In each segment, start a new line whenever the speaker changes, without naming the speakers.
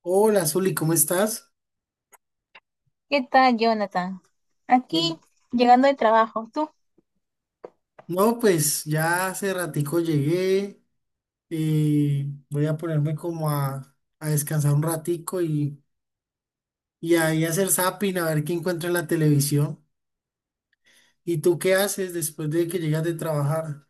Hola, Zuli, ¿cómo estás?
¿Qué tal, Jonathan? Aquí,
Bien.
llegando de trabajo, ¿tú?
No, pues ya hace ratico llegué, voy a ponerme como a descansar un ratico y ahí hacer zapping, a ver qué encuentro en la televisión. ¿Y tú qué haces después de que llegas de trabajar?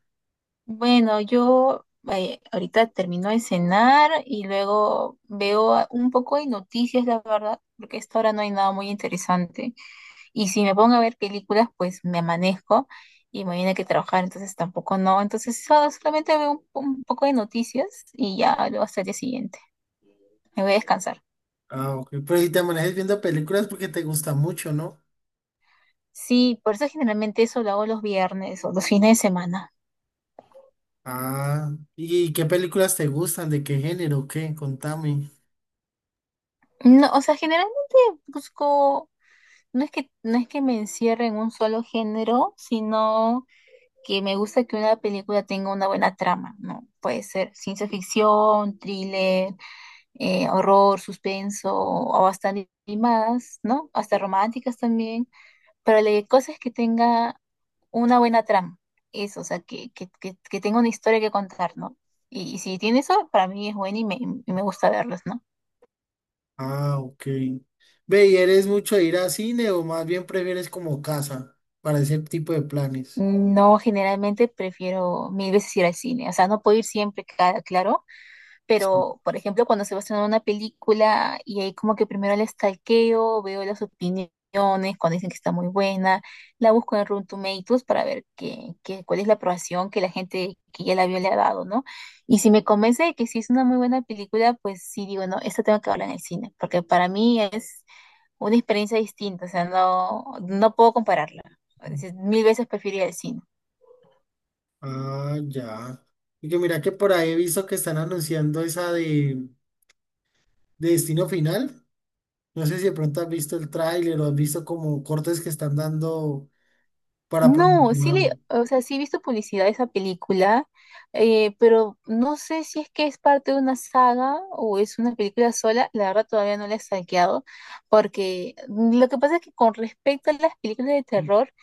Bueno, yo ahorita termino de cenar y luego un poco de noticias, la verdad, porque a esta hora no hay nada muy interesante. Y si me pongo a ver películas, pues me amanezco y mañana hay que trabajar, entonces tampoco no. Entonces solamente veo un poco de noticias y ya luego hasta el día siguiente. Me voy a descansar.
Ah, ok. Pero si te manejas viendo películas porque te gusta mucho, ¿no?
Sí, por eso generalmente eso lo hago los viernes o los fines de semana.
Ah, ¿y qué películas te gustan? ¿De qué género? ¿Qué? Contame.
No, o sea, generalmente busco. No es que me encierre en un solo género, sino que me gusta que una película tenga una buena trama, ¿no? Puede ser ciencia ficción, thriller, horror, suspenso, o hasta animadas, ¿no? Hasta románticas también. Pero la cosa es que tenga una buena trama. Eso, o sea, que tenga una historia que contar, ¿no? Y si tiene eso, para mí es bueno y me gusta verlos, ¿no?
Ah, ok. Ve, ¿y eres mucho de ir a cine o más bien prefieres como casa para ese tipo de planes?
No, generalmente prefiero mil veces ir al cine. O sea, no puedo ir siempre, claro,
Sí.
pero por ejemplo, cuando se va a estrenar una película y ahí como que primero la stalkeo, veo las opiniones, cuando dicen que está muy buena, la busco en Rotten Tomatoes para ver cuál es la aprobación que la gente que ya la vio le ha dado, ¿no? Y si me convence de que sí es una muy buena película, pues sí digo, no, esta tengo que hablar en el cine, porque para mí es una experiencia distinta, o sea, no puedo compararla. Es decir, mil veces prefiero ir al cine.
Ah, ya. Y que mira que por ahí he visto que están anunciando esa de Destino Final. No sé si de pronto has visto el tráiler o has visto como cortes que están dando para
No, sí le,
promocionarla.
o sea, sí he visto publicidad de esa película, pero no sé si es que es parte de una saga o es una película sola, la verdad todavía no la he stalkeado, porque lo que pasa es que con respecto a las películas de terror,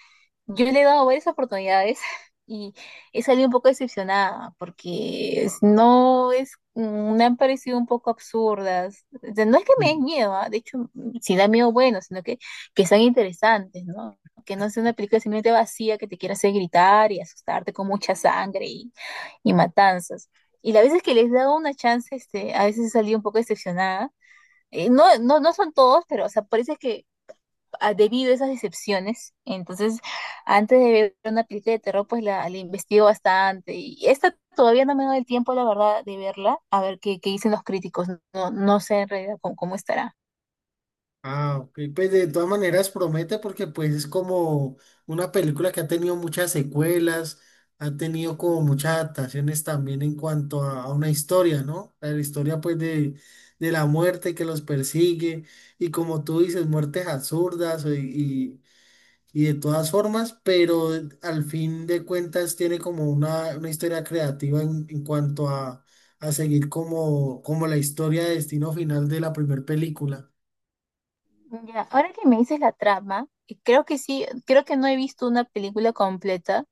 yo le he dado varias oportunidades y he salido un poco decepcionada porque no es, me han parecido un poco absurdas. O sea, no es que me
Sí.
den miedo, ¿ah? De hecho, si da miedo, bueno, sino que sean interesantes, ¿no? Que no sea una película simplemente vacía que te quiera hacer gritar y asustarte con mucha sangre y matanzas. Y las veces que les he dado una chance, este, a veces he salido un poco decepcionada. No son todos, pero, o sea, por eso es que debido a esas decepciones. Entonces, antes de ver una película de terror, pues la investigo bastante. Y esta todavía no me da el tiempo, la verdad, de verla, a ver qué dicen los críticos. No no sé en realidad cómo estará.
Ah, ok, pues de todas maneras promete porque pues es como una película que ha tenido muchas secuelas, ha tenido como muchas adaptaciones también en cuanto a una historia, ¿no? La historia pues de la muerte que los persigue y como tú dices, muertes absurdas y de todas formas, pero al fin de cuentas tiene como una historia creativa en cuanto a seguir como, como la historia de destino final de la primera película.
Ya, ahora que me dices la trama, creo que sí, creo que no he visto una película completa,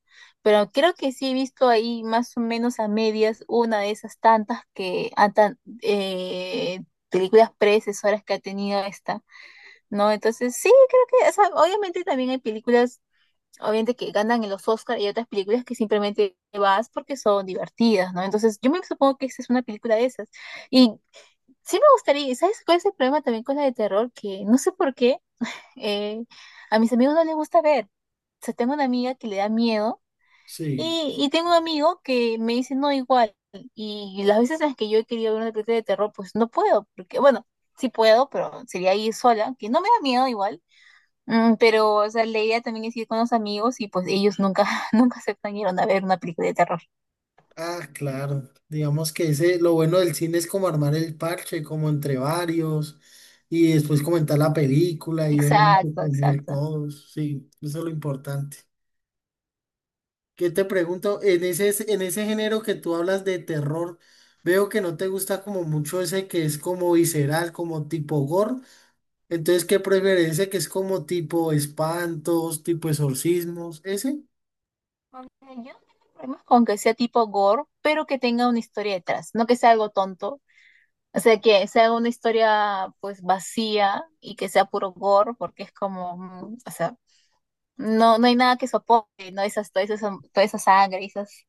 pero creo que sí he visto ahí más o menos a medias una de esas tantas que, películas predecesoras que ha tenido esta, ¿no? Entonces, sí, creo que, o sea, obviamente también hay películas, obviamente que ganan en los Oscars y otras películas que simplemente vas porque son divertidas, ¿no? Entonces, yo me supongo que esta es una película de esas. Y sí me gustaría, y ¿sabes cuál es el problema también con la de terror? Que no sé por qué eh, a mis amigos no les gusta ver. O sea, tengo una amiga que le da miedo
Sí.
y tengo un amigo que me dice no igual. Y las veces en las que yo he querido ver una película de terror, pues no puedo, porque, bueno, sí puedo, pero sería ir sola, que no me da miedo igual. Mm, pero, o sea, la idea también es ir con los amigos y pues ellos nunca, nunca aceptan ir a ver una película de terror.
Ah, claro. Digamos que ese, lo bueno del cine es como armar el parche, como entre varios, y después comentar la película y obviamente
Exacto,
comer
exacto.
todos. Sí, eso es lo importante. ¿Qué te pregunto? En ese género que tú hablas de terror, veo que no te gusta como mucho ese que es como visceral, como tipo gore. Entonces, ¿qué prefieres? ¿Ese que es como tipo espantos, tipo exorcismos? ¿Ese?
Aunque yo no tengo problemas con que sea tipo gore, pero que tenga una historia detrás, no que sea algo tonto. O sea, que sea una historia pues vacía y que sea puro gore, porque es como, mm, o sea, no hay nada que soporte, ¿no? Esas, toda esa sangre, esos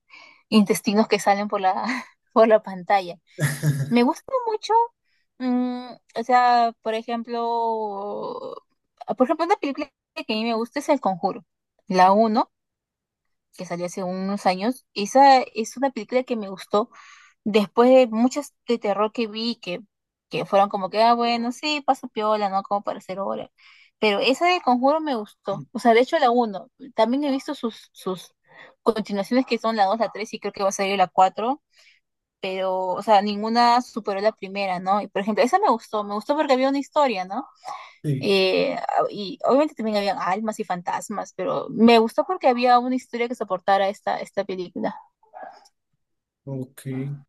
intestinos que salen por la, por la pantalla. Me gusta mucho. Mm, o sea, por ejemplo, una película que a mí me gusta es El Conjuro, la uno, que salió hace unos años. Esa es una película que me gustó después de muchas de terror que vi, que fueron como que, ah, bueno, sí, paso piola, ¿no? Como para hacer hora. Pero esa del Conjuro me gustó. O sea, de hecho, la uno, también he visto sus continuaciones, que son la dos, la tres, y creo que va a salir la cuatro, pero, o sea, ninguna superó la primera, ¿no? Y por ejemplo, esa me gustó porque había una historia, ¿no?
Sí.
Y obviamente también habían almas y fantasmas, pero me gustó porque había una historia que soportara esta película.
Ok.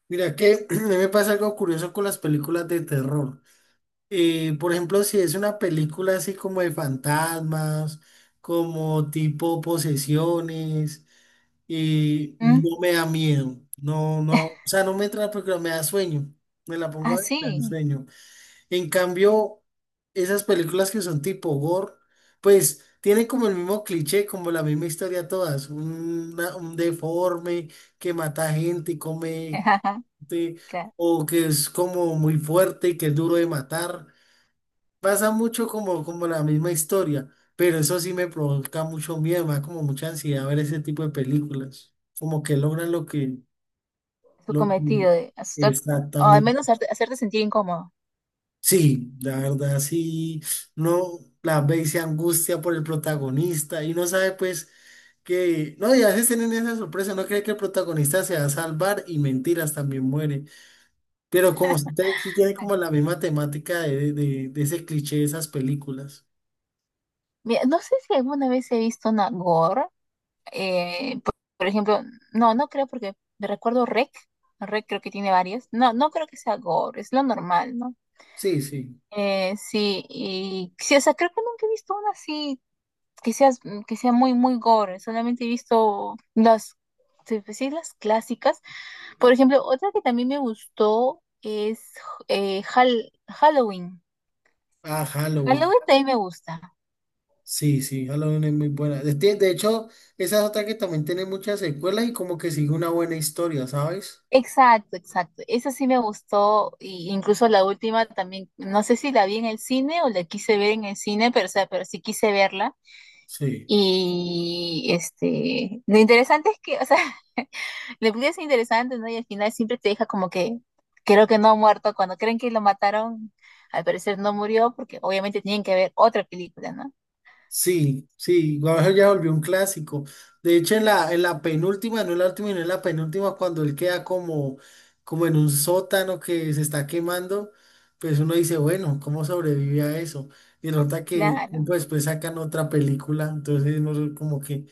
Mira que a mí me pasa algo curioso con las películas de terror. Por ejemplo, si es una película así como de fantasmas, como tipo posesiones,
¿Mm?
no me da miedo. No, no, o sea, no me entra la película, me da sueño. Me la pongo a
Ah,
ver, me da
sí.
sueño. En cambio, esas películas que son tipo gore, pues tienen como el mismo cliché, como la misma historia todas. Un deforme que mata gente y come
Ajá,
sí,
claro,
o que es como muy fuerte y que es duro de matar. Pasa mucho como, como la misma historia, pero eso sí me provoca mucho miedo, me da como mucha ansiedad ver ese tipo de películas. Como que logran
su
lo que
cometido de asustar, o al
exactamente.
menos hacerte sentir incómodo.
Sí, la verdad sí, no la ve y se angustia por el protagonista y no sabe pues que, no, y a veces tienen esa sorpresa, no cree que el protagonista se va a salvar y mentiras también muere. Pero como usted sí tiene como la misma temática de ese cliché de esas películas.
Mira, no sé si alguna vez he visto una gore, por ejemplo, no, no creo porque me recuerdo Rec, Rec creo que tiene varias. No, no creo que sea gore, es lo normal, ¿no?
Sí, sí.
Sí, y sí, o sea, creo que nunca he visto una así que sea que sea muy, muy gore. Solamente he visto las, sí, pues sí, las clásicas. Por ejemplo, otra que también me gustó es Halloween.
Ah, Halloween.
Halloween también me gusta.
Sí, sí, Halloween es muy buena. De hecho, esa es otra que también tiene muchas secuelas y como que sigue una buena historia, ¿sabes?
Exacto, exacto. Esa sí me gustó, y incluso la última también, no sé si la vi en el cine o la quise ver en el cine, pero, o sea, pero sí quise verla.
Sí.
Y este, lo interesante es que, o sea, la película es interesante, ¿no? Y al final siempre te deja como que, creo que no ha muerto. Cuando creen que lo mataron, al parecer no murió, porque obviamente tienen que ver otra película, ¿no?
Sí, sí, bueno, ya volvió un clásico. De hecho, en la penúltima, no en la última, no en la penúltima, cuando él queda como, como en un sótano que se está quemando, pues uno dice, bueno, ¿cómo sobrevive a eso? Y nota que
Claro.
tiempo después sacan otra película, entonces no sé, como que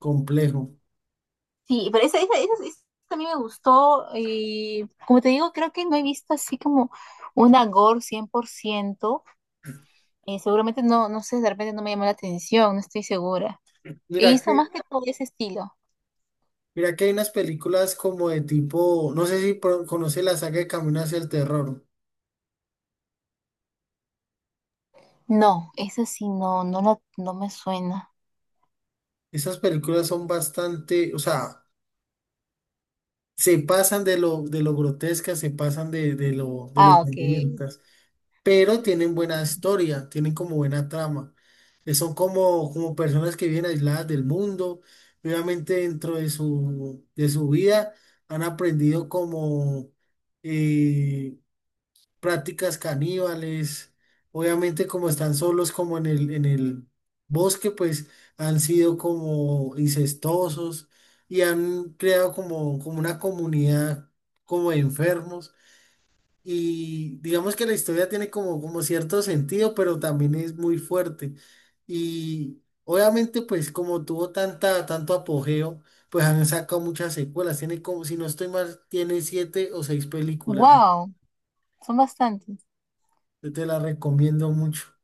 complejo.
Sí, pero esa a mí me gustó y como te digo, creo que no he visto así como una gore 100%. Seguramente no, no sé, de repente no me llamó la atención, no estoy segura. He
Mira
visto más
que,
que todo ese estilo.
mira que hay unas películas como de tipo, no sé si conoce la saga de Camino hacia el Terror.
No, esa sí no, no, no me suena.
Esas películas son bastante, o sea, se pasan de lo grotescas, se pasan de lo, de
Ah,
los
ok.
sangrientas, pero tienen buena historia, tienen como buena trama. Son como, como personas que viven aisladas del mundo, y obviamente dentro de su vida han aprendido como, eh, prácticas caníbales. Obviamente como están solos como en el bosque, pues han sido como incestuosos y han creado como, como una comunidad como de enfermos. Y digamos que la historia tiene como, como cierto sentido, pero también es muy fuerte. Y obviamente pues como tuvo tanta, tanto apogeo, pues han sacado muchas secuelas. Tiene como, si no estoy mal, tiene siete o seis películas.
Wow, son bastantes.
Yo te la recomiendo mucho.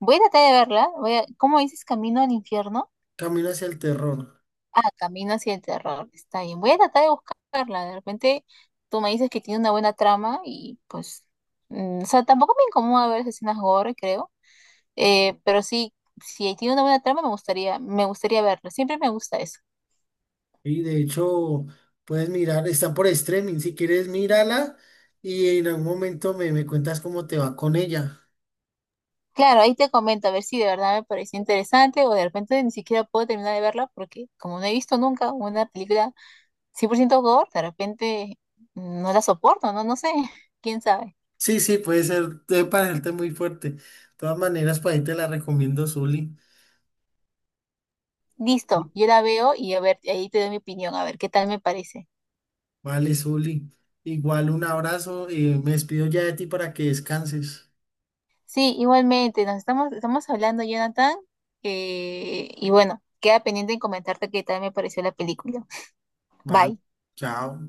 Voy a tratar de verla. Voy a, ¿cómo dices? Camino al infierno.
Camino hacia el terror.
Ah, Camino hacia el terror. Está bien. Voy a tratar de buscarla. De repente tú me dices que tiene una buena trama y pues... mm, o sea, tampoco me incomoda ver esas escenas gore, creo. Pero sí, si tiene una buena trama me gustaría verla. Siempre me gusta eso.
Y de hecho, puedes mirar, está por streaming. Si quieres, mírala y en algún momento me, me cuentas cómo te va con ella.
Claro, ahí te comento a ver si de verdad me pareció interesante o de repente ni siquiera puedo terminar de verla porque como no he visto nunca una película 100% gore, de repente no la soporto, ¿no? No sé, quién sabe.
Sí, sí, puede ser, debe parecerte muy fuerte. De todas maneras, para ahí te la recomiendo, Zuli.
Listo, yo la veo y a ver, ahí te doy mi opinión, a ver qué tal me parece.
Vale, Zuli. Igual un abrazo y me despido ya de ti para que descanses.
Sí, igualmente, nos estamos, estamos hablando, Jonathan, y bueno, queda pendiente en comentarte qué tal me pareció la película.
Vale,
Bye.
chao.